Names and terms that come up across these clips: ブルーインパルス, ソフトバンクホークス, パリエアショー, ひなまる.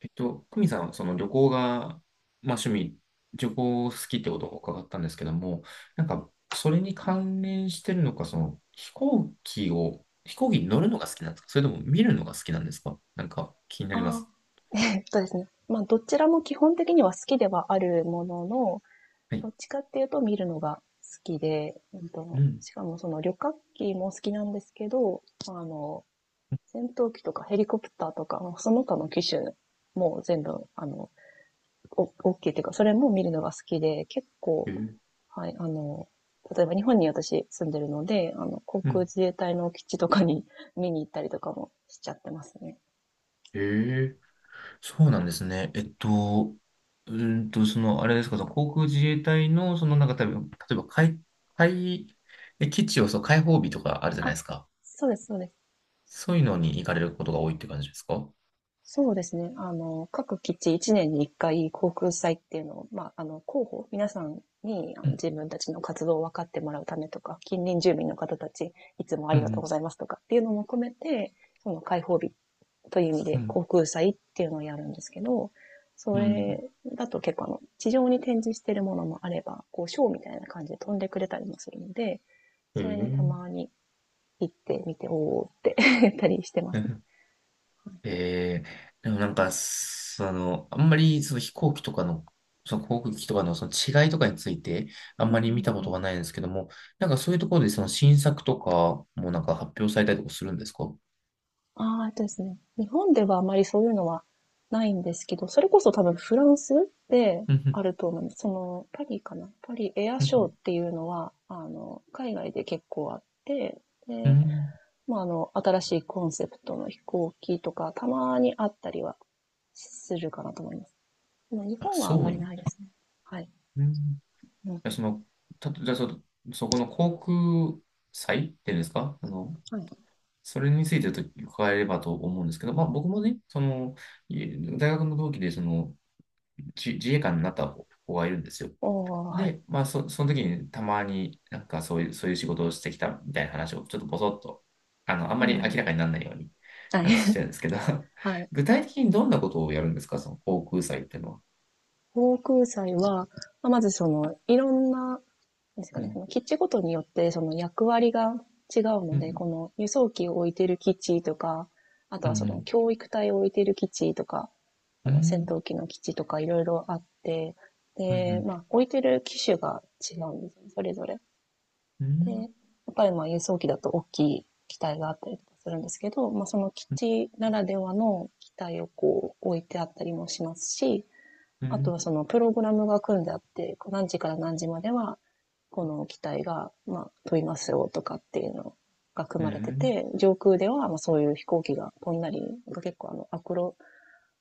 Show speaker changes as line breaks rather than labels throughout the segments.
久美さん、その旅行が、まあ趣味、旅行好きってことを伺ったんですけども、なんか、それに関連してるのか、その飛行機を、飛行機に乗るのが好きなんですか、それとも見るのが好きなんですか、なんか気になりま
ああ、
す。
ですね。まあ、どちらも基本的には好きではあるものの、
は
ど
い。
っちかっていうと見るのが好きで、
うん。
しかもその旅客機も好きなんですけど、あの、戦闘機とかヘリコプターとか、その他の機種も全部、大きいっていうか、それも見るのが好きで、結
え
構、
ー、
はい、例えば日本に私住んでるので、航
う
空
ん。
自衛隊の基地とかに 見に行ったりとかもしちゃってますね。
えー、そうなんですね。その、あれですか、その航空自衛隊の、その、なんか、例えば、海、基地を、そう、開放日とかあるじゃない
あ、
ですか。
そうです、そうです。
そういうのに行かれることが多いって感じですか？
そうですね。各基地1年に1回航空祭っていうのを、まあ、広報、皆さんに
うん、
自分たちの活動を分かってもらうためとか、近隣住民の方たち、いつもあ
う
りがとうご
ん、
ざいますとかっていうのも含めて、その開放日という意味
う
で
ん、
航空祭っていうのをやるんですけど、
う
そ
んうん。
れだと結構地上に展示してるものもあれば、こう、ショーみたいな感じで飛んでくれたりもするので、
え
それにた
ー、
まに行ってみて、おーって やったりしてますね。
でもなんか、その、あんまりその飛行機とかの、その航空機とかのその違いとかについて、あん
うん
まり見たこ
う
とが
ん。
ないんですけども、なんかそういうところでその新作とかもなんか発表されたりとかするんですか？うん、
ああ、ですね。日本ではあまりそういうのはないんですけど、それこそ多分フランスで
う
あ
ん、
ると思うんです。その、パリかなパリエア
う
ショーっ
ん
ていうのは、海外で結構あって、
うん。
で、
うん、
まあ、新しいコンセプトの飛行機とか、たまにあったりはするかなと思います。でも日
あ、
本はあ
そ
ん
うな
まり
ん
ないで
で
すね。はい。
すね。うん。
うん。
じゃあその、た、じゃあそ、そこの航空祭っていうんですか？あの、
はい。
それについてちょっと伺えればと思うんですけど、まあ、僕もね、その、大学の同期で、その、自衛官になった子がいるんですよ。
おー、はい。
で、まあ、その時にたまになんかそういう、そういう仕事をしてきたみたいな話をちょっとぼそっと、あの、あんま
う
り明
ん。
らかにならないように
はい。
あのして るんですけど、
はい。
具体的にどんなことをやるんですか、その航空祭っていうのは。
航空祭は、まあまずいろんなですか
う
ね、
ん、
その基地ごとによってその役割が違う
う
ので、
ん、
この輸送機を置いてる基地とか、あ
う
とはその
ん、
教育隊を置いてる基地とか、あ
うん、う
の戦
ん、
闘機の基地とかいろいろあって、
う
で、
ん、
まあ置いてる機種が違うんですよね、それぞれ。
う
で、や
ん、
っぱりまあ輸送機だと大きい機体があったりとかするんですけど、まあその基地ならではの機体をこう置いてあったりもしますし、
うん、う
あと
ん、
はそのプログラムが組んであって、こう何時から何時までは、この機体が、まあ、飛びますよとかっていうのが組
う
まれて
ん、
て、上空では、まあ、そういう飛行機が飛んだり、結構あの、アクロ、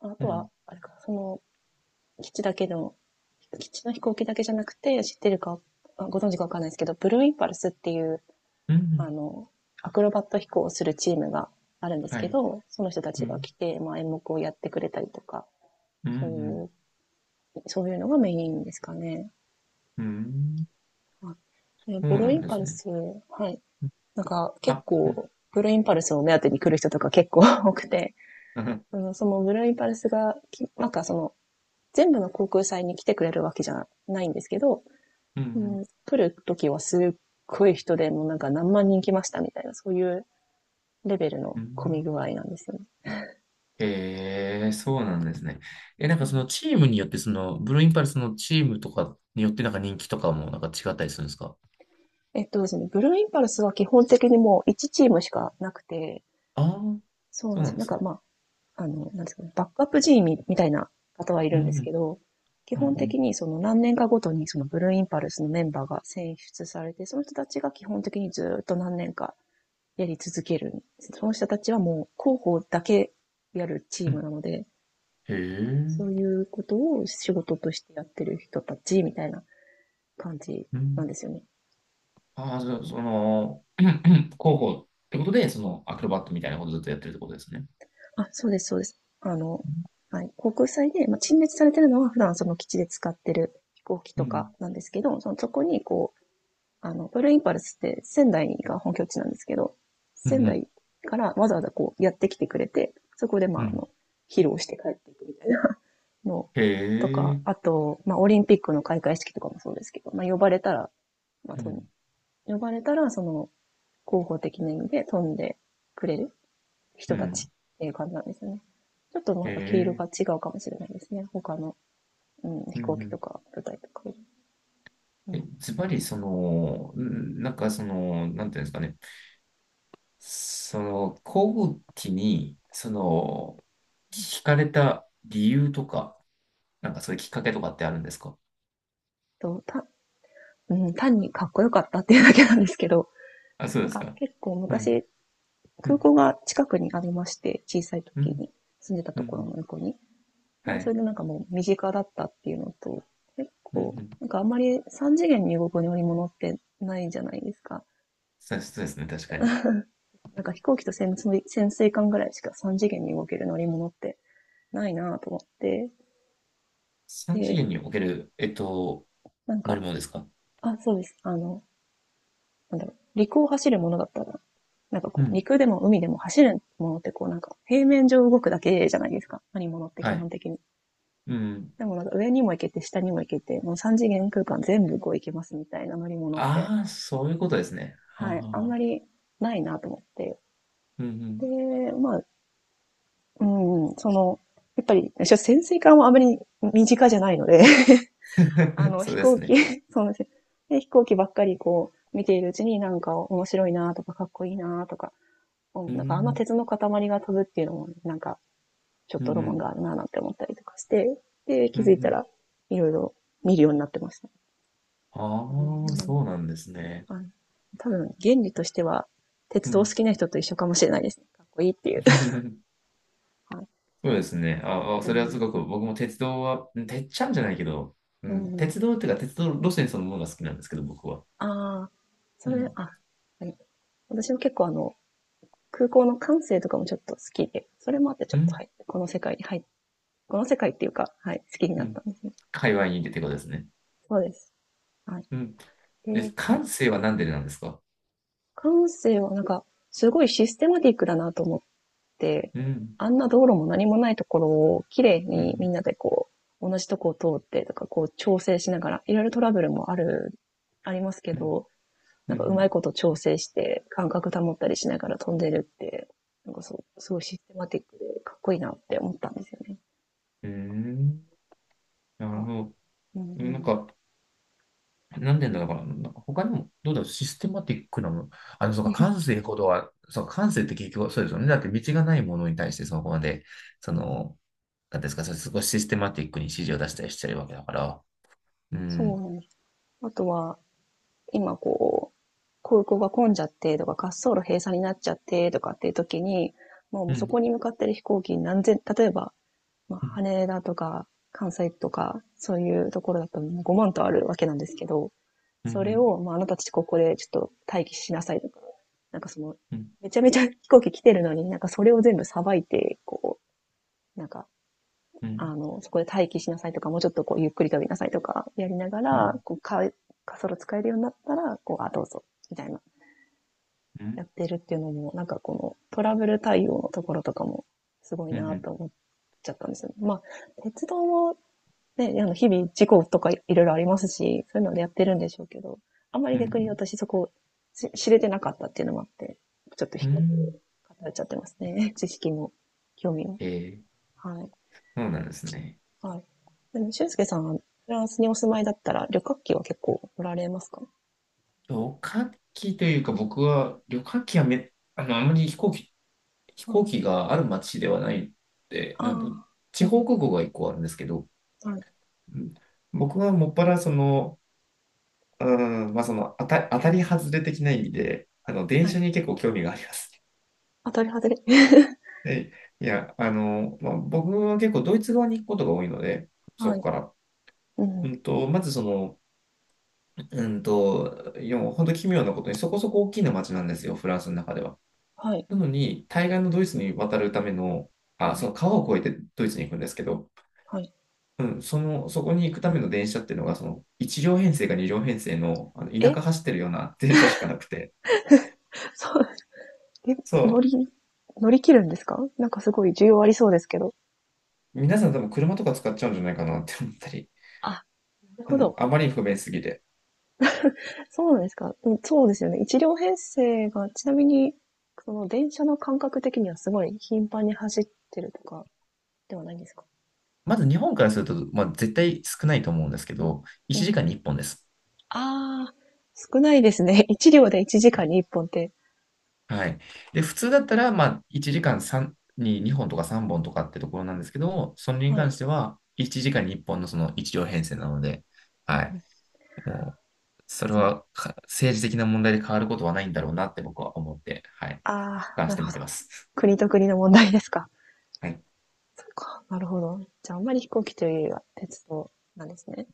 あ
う
とは、
ん、
あれか、その基地だけの基地の飛行機だけじゃなくて、知ってるか、ご存知かわかんないですけど、ブルーインパルスっていう、
う
あ
ん、
の、アクロバット飛行をするチームがあるんです
は
け
い、
ど、その人た
う
ちが
ん、
来て、まあ、演目をやってくれたりとか、
うん、う
そうい
ん。
う、そういうのがメインですかね。
うん、
はい、
そう
ブルー
な
イ
ん
ン
で
パ
す
ル
ね。
ス、はい。なんか結
あ、うん、
構、ブルーインパルスを目当てに来る人とか結構 多くて、そのブルーインパルスがなんかその、全部の航空祭に来てくれるわけじゃないんですけど、
うん、う
う
ん、
ん、来る時はすっごい人でもうなんか何万人来ましたみたいな、そういうレベル
う
の混み
ん。
具合なんですよね。
ええ、そうなんですね。え、なん
う
かそ
ん。
のチームによって、その、ブルーインパルスのチームとかによって、なんか人気とかもなんか違ったりするんですか？
ですね、ブルーインパルスは基本的にもう1チームしかなくて、
ああー、
そうなん
そう
で
な
す
ん
よ。
で
なん
す
か
ね。
まあ、なんですかね、バックアップ G みたいな方はい
う
るんで
ん、
すけど、基
うん、
本
う
的
ん、
にその何年かごとにそのブルーインパルスのメンバーが選出されて、その人たちが基本的にずっと何年かやり続けるんです。その人たちはもう広報だけやるチ
う
ーム
ん。
なので、
へ
そう
え、
いうことを仕事としてやってる人たちみたいな感じ
う
なん
ん。
ですよね。
ああ、じゃあ、その、広報ってことで、その、アクロバットみたいなことずっとやってるってことですね。
あ、そうです、そうです。はい、航空祭で、まあ、陳列されてるのは普段その基地で使ってる飛行機
う
とか
ん、
なんですけど、そこにこう、ブルーインパルスって仙台が本拠地なんですけど、
うん、う
仙
ん、うん。
台からわざわざこうやってきてくれて、そこでま
う
あ、
ん、
披露して帰っていくみたいな の
へ
とか、あ
え、
と、まあ、オリンピックの開会式とかもそうですけど、まあ、呼ばれたら、まあ、
うん、
呼ばれたら、その、広報的な意味で飛んでくれる
う
人たち
ん。
っていう感じなんですよね。ちょっと
へ
また毛色
え、
が違うかもしれないですね。他の、うん、
う
飛
ん、う
行機と
ん、
か舞台とか。う
え、
ん、
ズバリ、その、なんかその、なんていうんですかね、その、航空機に、その、惹かれた理由とか、なんかそういうきっかけとかってあるんですか？
とたうん、単にかっこよかったっていうだけなんですけど、
あ、そう
な
で
ん
す
か
か。
結構
うん、
昔、
う
空
ん、
港が近くにありまして、小さい
う
時に
ん、
住んでた
う
ところの
ん、
横に。
は
で、そ
い。
れでなんかもう身近だったっていうのと、結
うん、う
構、
ん。
なんかあんまり3次元に動く乗り物ってないじゃないですか。
そうそうですね、確かに。
なんか飛行機と潜水艦ぐらいしか3次元に動ける乗り物ってないなと思って、
三次
で、
元における、
なん
乗り
か、
物ですか？
あ、そうです。なんだろう、陸を走るものだったら、なんか
う
こう、
ん、
陸でも海でも走るものってこうなんか、平面上動くだけじゃないですか。乗り物って
は
基本
い。
的に。
うん。
でもなんか上にも行けて下にも行けて、もう三次元空間全部こう行けますみたいな乗り物って、
ああ、そういうことですね。はあ
はい、
はあ
あん
はあ、
まりないなと思って。
うん、う
で、
ん。
まあ、うん、やっぱり、潜水艦はあまり身近じゃないので、
そう
飛
で
行
す
機、
ね。
そうなんですよ。で飛行機ばっかりこう、見ているうちになんか面白いなとかかっこいいなとか、うん
う
なんかあんま
ん、
鉄の塊が飛ぶっていうのもねなんかちょっ
う
と
ん、
ロ
う
マン
ん、
があるななんて思ったりとかして、で、
う
気
ん、う
づいた
ん。
らいろいろ見るようになってました。う
ああ、
ん。
そうなんですね。
あの、多分原理としては、
う
鉄道好
ん。
きな人と一緒かもしれないですね。かっこいいっていう。はい。
そう
え、
ですね。ああ、
う
それはす
ん、
ごく僕も鉄道は、うん、てっちゃんじゃないけど、う
う
ん、
ん。
鉄道っていうか鉄道路線そのものが好きなんですけど、僕は。
ああ、そ
う
れ、
ん。
あ、はい。私も結構空港の管制とかもちょっと好きで、それもあってち
う
ょっと、
ん。
はい、この世界っていうか、はい、好きに
う
なっ
ん。
たんですね。
界隈にいてってことですね。
そうです。はい。
うん。
え
え、
ー、
感性は何でなんですか？
管制はなんか、すごいシステマティックだなと思っ、
うん。
あんな道路も何もないところを綺麗
う
に
ん。
みんなでこう、同じとこを通ってとか、こう調整しながら、いろいろトラブルもありますけ
うん。
ど、
う
な
ん。
んかう
う
まい
ん。
こと調整して感覚保ったりしながら飛んでるって、なんかそう、すごいシステマティックでかっこいいなって思ったんですよね。
うーん、
なん
なる
か、
ほ
うん
ど。
う
なん
ん。
か、なんでだから、なんか他にも、どうだろう、システマティックなもの、あの、そうか、感 性ほどは、そうか、感性って結局そうですよね。だって道がないものに対して、そこまで、その、なんていうんですか、それ少しシステマティックに指示を出したりしてるわけだから、う
そう
ん、
なんです。あとは、今こう、空港が混んじゃってとか、滑走路閉鎖になっちゃってとかっていう時に、も
う
うそこ
ん、
に向かってる飛行機何千、例えばまあ、
うん、
羽田とか関西とか、そういうところだともう5万とあるわけなんですけど、
うん、
そ
う
れ
ん、
を、まあ、あなたたちここでちょっと待機しなさいとか、なんかその、
うん、
めちゃめちゃ 飛行機来てるのに、なんかそれを全部さばいて、こう、なんか、
うん、
そこで待機しなさいとか、もうちょっとこう、ゆっくり飛びなさいとか、やりなが
う
ら、
ん、
こう、滑走使えるようになったら、こう、あ、どうぞ、みたいな、
うん、
やってるっていうのも、なんかこの、トラブル対応のところとかも、すごいなと思っちゃったんですよね。まあ、鉄道もね、日々事故とかいろいろありますし、そういうのでやってるんでしょうけど、あんまり
う
逆に
ん、
私そこ知れてなかったっていうのもあって、ちょっと
う
飛行機に
ん、
語れちゃってますね。知識も興味も。
ええ、
はい。
そうなんですね。
はい。でも、俊介さんはフランスにお住まいだったら旅客機は結構乗られますか？
旅客機というか、僕は、旅客機はめ、あの、あまり飛行機、飛
うん。あ
行機がある町ではないって、なんだ、
あ。う
地方
ん。
空港が一個あるんですけど、
はい。
うん、僕はもっぱらその、うん、まあその当たり外れ的な意味で、あの、電
は
車
い。
に結構興味がありますね。
当たり外れ。
で、いや、あの、まあ、僕は結構ドイツ側に行くことが多いので、そ
は
こ
い。
から。
う
う
ん。
んと、まずその、うんと、いや、もう本当奇妙なことにそこそこ大きな町なんですよ、フランスの中では。
はい。
なのに、対岸のドイツに渡るための、
う
あ、
ん。
その川を越えてドイツに行くんですけど、
はい。
うん、その、そこに行くための電車っていうのが、その、1両編成か2両編成の、あの田舎
え。
走ってるような 電車しかなくて、
そう、え、乗
そ
り、乗り切るんですか？なんかすごい需要ありそうですけど。
う、皆さん多分車とか使っちゃうんじゃないかなって思ったり、
なる
う
ほ
ん、
ど。
あまりに不便すぎて。
そうなんですか。うん、そうですよね。1両編成が、ちなみに、その電車の感覚的にはすごい頻繁に走ってるとかではないんですか？
まず日本からすると、まあ、絶対少ないと思うんですけど、
う
1時間
ん。
に1本です。
ああ、少ないですね。1両で1時間に1本って。
はい。で、普通だったら、まあ、1時間、3に2本とか3本とかってところなんですけど、それに
はい。
関しては、1時間に1本のその1両編成なので、
うん
は
う
い。
ん、
もう、それ
そう。
は政治的な問題で変わることはないんだろうなって僕は思って、はい。
ああ、
俯瞰し
な
て
るほ
み
ど。
てます。
国と国の問題ですか？
はい。
そっか。なるほど。じゃあ、あんまり飛行機というよりは鉄道なんですね。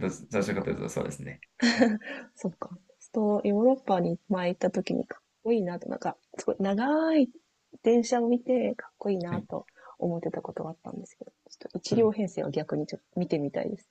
どうぞ、どう
そ
し
っ
ようかという
か。
と、そうですね。はい。
そっか。そう、ヨーロッパに前行った時にかっこいいなと、なんか、すごい長い電車を見てかっこいい
は
な
い。
と思ってたことがあったんですけど、ちょっと一
う
両
ん。
編成は逆にちょっと見てみたいです。